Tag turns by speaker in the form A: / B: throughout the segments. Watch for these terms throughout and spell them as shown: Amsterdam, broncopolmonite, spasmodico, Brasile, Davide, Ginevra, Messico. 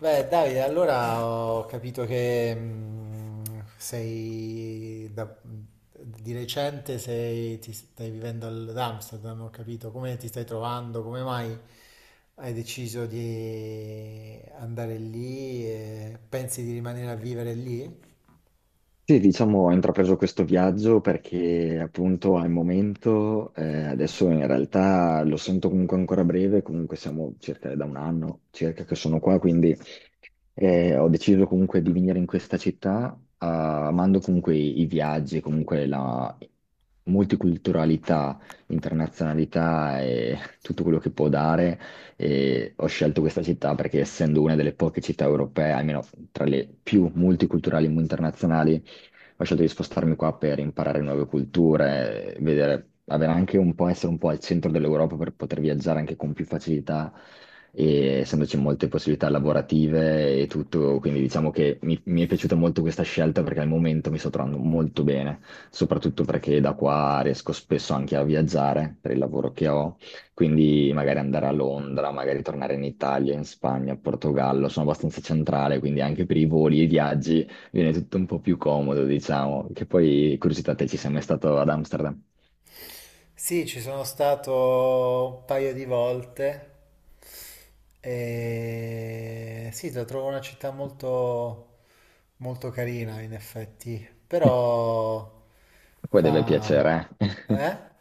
A: Beh, Davide, allora ho capito che di recente ti stai vivendo ad Amsterdam. Ho capito come ti stai trovando, come mai hai deciso di andare lì e pensi di rimanere a vivere lì?
B: Sì, diciamo, ho intrapreso questo viaggio perché appunto al momento, adesso in realtà lo sento comunque ancora breve, comunque siamo circa da un anno circa che sono qua, quindi ho deciso comunque di venire in questa città, ah, amando comunque i viaggi, comunque la multiculturalità, internazionalità e tutto quello che può dare. E ho scelto questa città perché essendo una delle poche città europee, almeno tra le più multiculturali e internazionali, ho scelto di spostarmi qua per imparare nuove culture, vedere, avere anche un po', essere un po' al centro dell'Europa per poter viaggiare anche con più facilità e essendoci molte possibilità lavorative e tutto, quindi diciamo che mi è piaciuta molto questa scelta perché al momento mi sto trovando molto bene, soprattutto perché da qua riesco spesso anche a viaggiare per il lavoro che ho, quindi magari andare a Londra, magari tornare in Italia, in Spagna, Portogallo, sono abbastanza centrale, quindi anche per i voli e i viaggi viene tutto un po' più comodo, diciamo, che poi, curiosità, te ci sei mai stato ad Amsterdam?
A: Sì, ci sono stato un paio di volte e sì, la trovo una città molto, molto carina in effetti, però
B: Poi deve
A: fa...
B: piacere, eh?
A: Eh?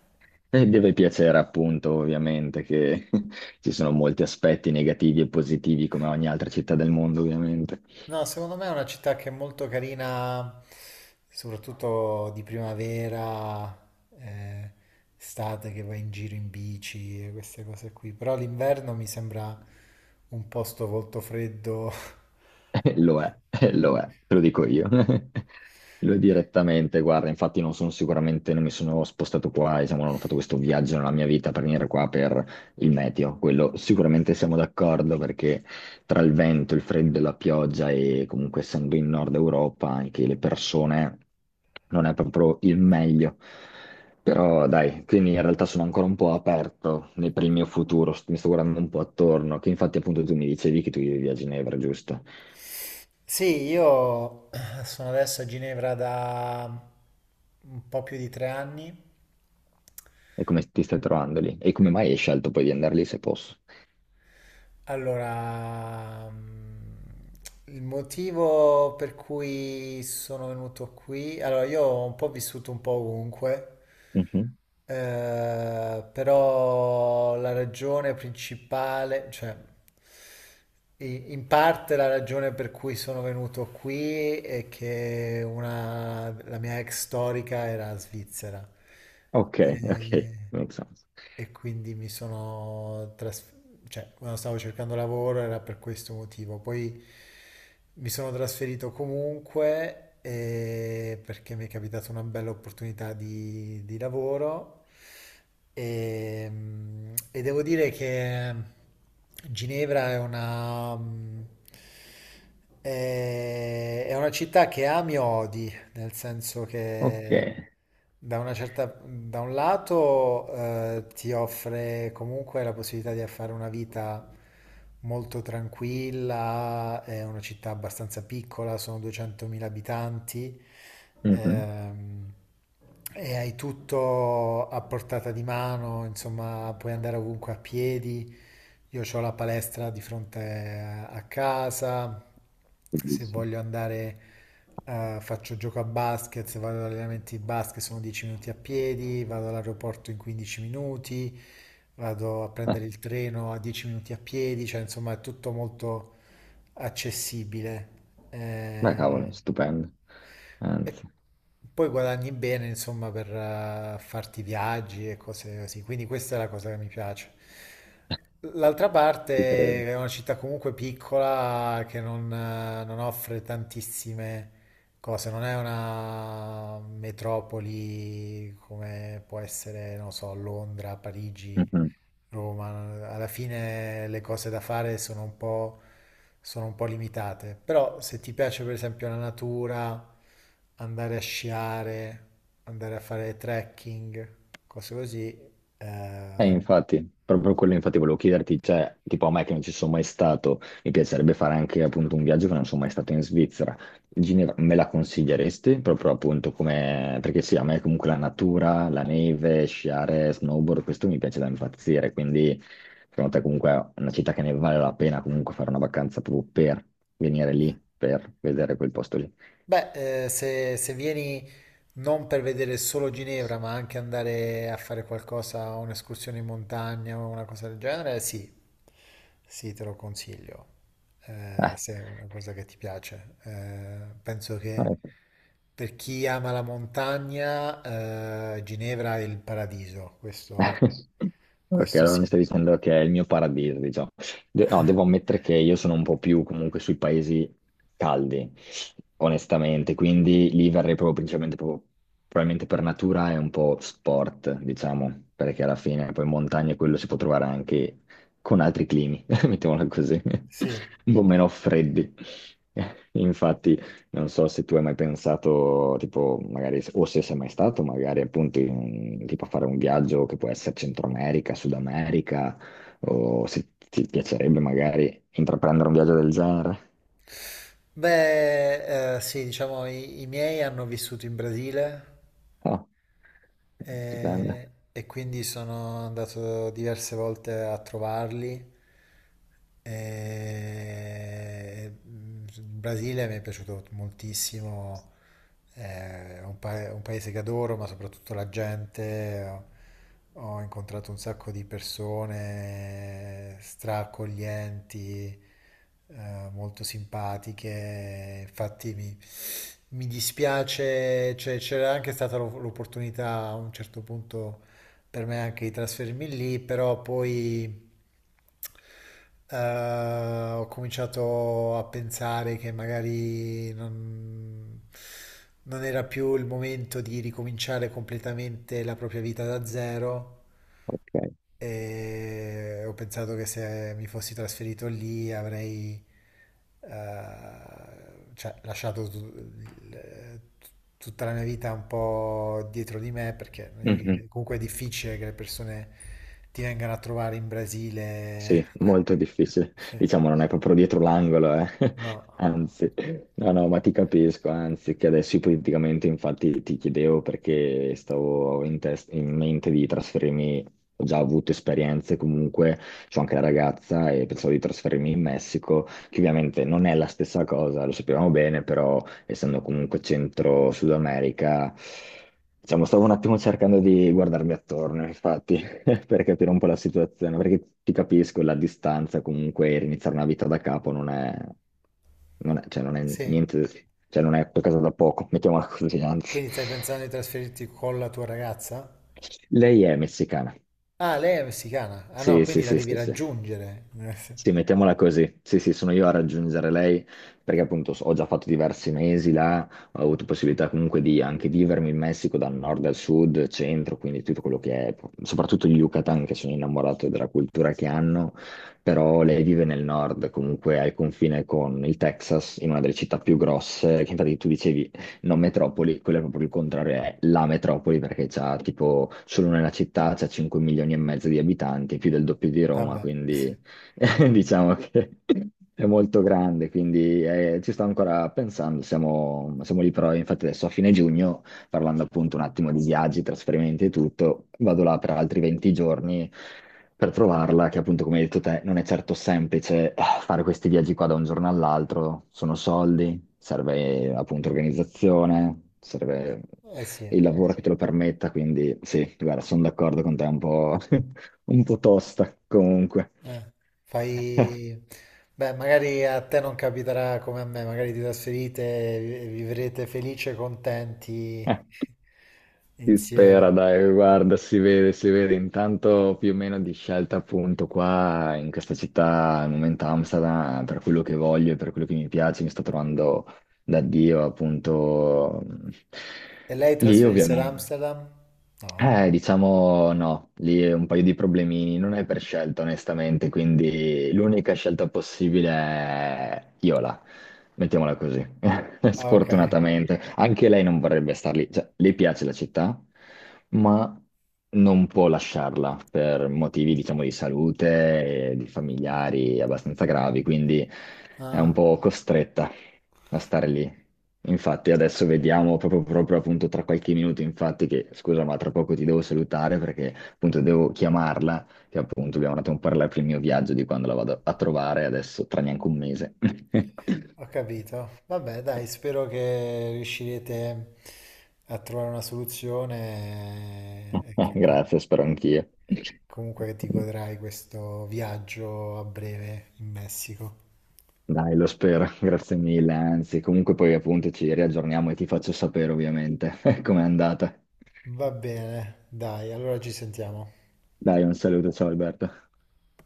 B: E deve piacere appunto, ovviamente, che ci sono molti aspetti negativi e positivi come ogni altra città del mondo, ovviamente.
A: No, secondo me è una città che è molto carina, soprattutto di primavera, eh, estate che vai in giro in bici e queste cose qui, però l'inverno mi sembra un posto molto freddo.
B: Lo è, lo è, te lo dico io. Lo è direttamente, guarda, infatti non sono sicuramente, non mi sono spostato qua, diciamo, non ho fatto questo viaggio nella mia vita per venire qua per il meteo, quello sicuramente siamo d'accordo perché tra il vento, il freddo e la pioggia e comunque essendo in Nord Europa anche le persone non è proprio il meglio. Però dai, quindi in realtà sono ancora un po' aperto per il mio futuro, mi sto guardando un po' attorno, che infatti appunto tu mi dicevi che tu vivi a Ginevra, giusto?
A: Sì, io sono adesso a Ginevra da un po' più di 3 anni.
B: E come ti stai trovando lì? E come mai hai scelto poi di andare lì se posso?
A: Allora, il motivo per cui sono venuto qui, allora io ho un po' vissuto un po' ovunque,
B: Mhm.
A: però la ragione principale, cioè in parte la ragione per cui sono venuto qui è che la mia ex storica era svizzera.
B: Ok, ok,
A: E,
B: make sense.
A: e quindi mi sono trasferito, cioè, quando stavo cercando lavoro era per questo motivo. Poi mi sono trasferito comunque, perché mi è capitata una bella opportunità di lavoro e devo dire che Ginevra è una, mm, è una città che ami e odi, nel senso
B: Ok.
A: che da da un lato ti offre comunque la possibilità di fare una vita molto tranquilla, è una città abbastanza piccola, sono 200.000 abitanti,
B: Mhm.
A: ehm, e hai tutto a portata di mano, insomma, puoi andare ovunque a piedi. Io ho la palestra di fronte a casa. Se
B: Bellissimo.
A: voglio andare, faccio gioco a basket, se vado all'allenamento di basket sono 10 minuti a piedi, vado all'aeroporto in 15 minuti, vado a
B: Ah,
A: prendere il treno a 10 minuti a piedi, cioè insomma è tutto molto accessibile.
B: beh,
A: Eh,
B: cavolo, stupendo.
A: e
B: Anzi,
A: poi guadagni bene, insomma, per farti viaggi e cose così. Quindi questa è la cosa che mi piace. L'altra
B: ci credo.
A: parte è una città comunque piccola che non offre tantissime cose, non è una metropoli come può essere, non so, Londra, Parigi,
B: Mhm.
A: Roma. Alla fine le cose da fare sono un po' limitate, però se ti piace per esempio la natura, andare a sciare, andare a fare trekking, cose così, eh,
B: Infatti, proprio quello infatti volevo chiederti, cioè, tipo a me che non ci sono mai stato, mi piacerebbe fare anche appunto un viaggio che non sono mai stato in Svizzera. Ginevra, me la consiglieresti? Proprio appunto come, perché sì, a me comunque la natura, la neve, sciare, snowboard, questo mi piace da impazzire, quindi secondo te comunque è una città che ne vale la pena comunque fare una vacanza proprio per venire lì, per vedere quel posto lì.
A: Beh, se vieni non per vedere solo Ginevra, ma anche andare a fare qualcosa, un'escursione in montagna o una cosa del genere, sì, sì, te lo consiglio, se è una cosa che ti piace. Penso che
B: Eh,
A: per chi ama la montagna, Ginevra è il paradiso, questo,
B: ok,
A: questo
B: allora mi
A: sì.
B: stai dicendo che è il mio paradiso, diciamo. No, devo ammettere che io sono un po' più comunque sui paesi caldi, onestamente, quindi lì verrei proprio principalmente, probabilmente per natura è un po' sport, diciamo, perché alla fine poi in montagna quello si può trovare anche con altri climi, mettiamola così,
A: Sì.
B: un po' meno freddi. Infatti non so se tu hai mai pensato, tipo, magari, o se sei mai stato, magari appunto, tipo a fare un viaggio che può essere Centro America, Sud America, o se ti piacerebbe magari intraprendere un viaggio del genere.
A: Beh, sì, diciamo, i miei hanno vissuto in Brasile.
B: Oh, stupendo.
A: E quindi sono andato diverse volte a trovarli. E, il Brasile mi è piaciuto moltissimo, è un paese che adoro, ma soprattutto la gente. Ho incontrato un sacco di persone straccoglienti, molto simpatiche. Infatti mi dispiace, cioè, c'era anche stata l'opportunità a un certo punto per me anche di trasferirmi lì, però poi eh, ho cominciato a pensare che magari non era più il momento di ricominciare completamente la propria vita da zero. E ho pensato che se mi fossi trasferito lì avrei cioè, lasciato tutta la mia vita un po' dietro di me perché
B: Ok.
A: comunque è difficile che le persone ti vengano a trovare in Brasile.
B: Sì,
A: Ecco.
B: molto difficile.
A: Sì.
B: Diciamo, non è proprio dietro l'angolo, eh.
A: No,
B: Anzi, no, no, ma ti capisco, anzi, che adesso ipoteticamente infatti ti chiedevo perché stavo in, in mente di trasferirmi, ho già avuto esperienze comunque, c'ho anche la ragazza e pensavo di trasferirmi in Messico, che ovviamente non è la stessa cosa, lo sappiamo bene, però essendo comunque centro Sud America, diciamo, stavo un attimo cercando di guardarmi attorno, infatti. Per capire un po' la situazione, perché ti capisco, la distanza comunque, iniziare una vita da capo non è, cioè non è
A: sì.
B: niente, cioè non è qualcosa da poco, mettiamola così, anzi.
A: Quindi stai pensando di trasferirti con la tua ragazza?
B: Lei è messicana.
A: Ah, lei è messicana. Ah no,
B: Sì, sì,
A: quindi la
B: sì,
A: devi
B: sì, sì.
A: raggiungere.
B: Sì, mettiamola così. Sì, sì, sono io a raggiungere lei perché appunto ho già fatto diversi mesi là, ho avuto possibilità comunque di anche vivermi in Messico dal nord al sud, centro, quindi tutto quello che è, soprattutto il Yucatan che sono innamorato della cultura che hanno, però lei vive nel nord, comunque al confine con il Texas, in una delle città più grosse, che infatti tu dicevi non metropoli, quello è proprio il contrario, è la metropoli perché c'ha tipo solo nella città c'ha 5 milioni e mezzo di abitanti, più del doppio di Roma,
A: Vabbè,
B: quindi diciamo che è molto grande, quindi ci sto ancora pensando, siamo lì però, infatti adesso a fine giugno, parlando appunto un attimo di viaggi, trasferimenti e tutto, vado là per altri 20 giorni per trovarla, che appunto come hai detto te non è certo semplice fare questi viaggi qua da un giorno all'altro, sono soldi, serve appunto organizzazione, serve
A: eh sì.
B: il lavoro che sì, te lo permetta, quindi sì, guarda, sono d'accordo con te un po'. Un po' tosta comunque.
A: Eh, fai... Beh, magari a te non capiterà come a me, magari ti trasferite e vivrete felici e contenti
B: Si spera,
A: insieme.
B: dai, guarda, si vede intanto più o meno di scelta appunto qua in questa città, al momento Amsterdam, per quello che voglio, e per quello che mi piace, mi sto trovando da Dio appunto
A: E lei
B: lì
A: trasferirsi ad
B: ovviamente.
A: Amsterdam? No.
B: Diciamo no, lì è un paio di problemini, non è per scelta onestamente, quindi l'unica scelta possibile è Iola, mettiamola così,
A: Ah, ok,
B: sfortunatamente. Anche lei non vorrebbe star lì, cioè le piace la città, ma non può lasciarla per motivi, diciamo, di salute e di familiari abbastanza gravi, quindi è un
A: ah,
B: po' costretta a stare lì. Infatti adesso vediamo proprio, proprio appunto tra qualche minuto, infatti che scusa ma tra poco ti devo salutare perché appunto devo chiamarla, che appunto abbiamo andato a parlare per il mio viaggio di quando la vado a trovare adesso tra neanche un mese.
A: ho capito. Vabbè, dai, spero che riuscirete a trovare una soluzione, e che
B: Grazie, spero anch'io.
A: comunque che ti godrai questo viaggio a breve in Messico.
B: Dai, lo spero, grazie mille, anzi comunque poi appunto ci riaggiorniamo e ti faccio sapere ovviamente com'è andata.
A: Va bene, dai, allora ci sentiamo.
B: Dai, un saluto, ciao Alberto.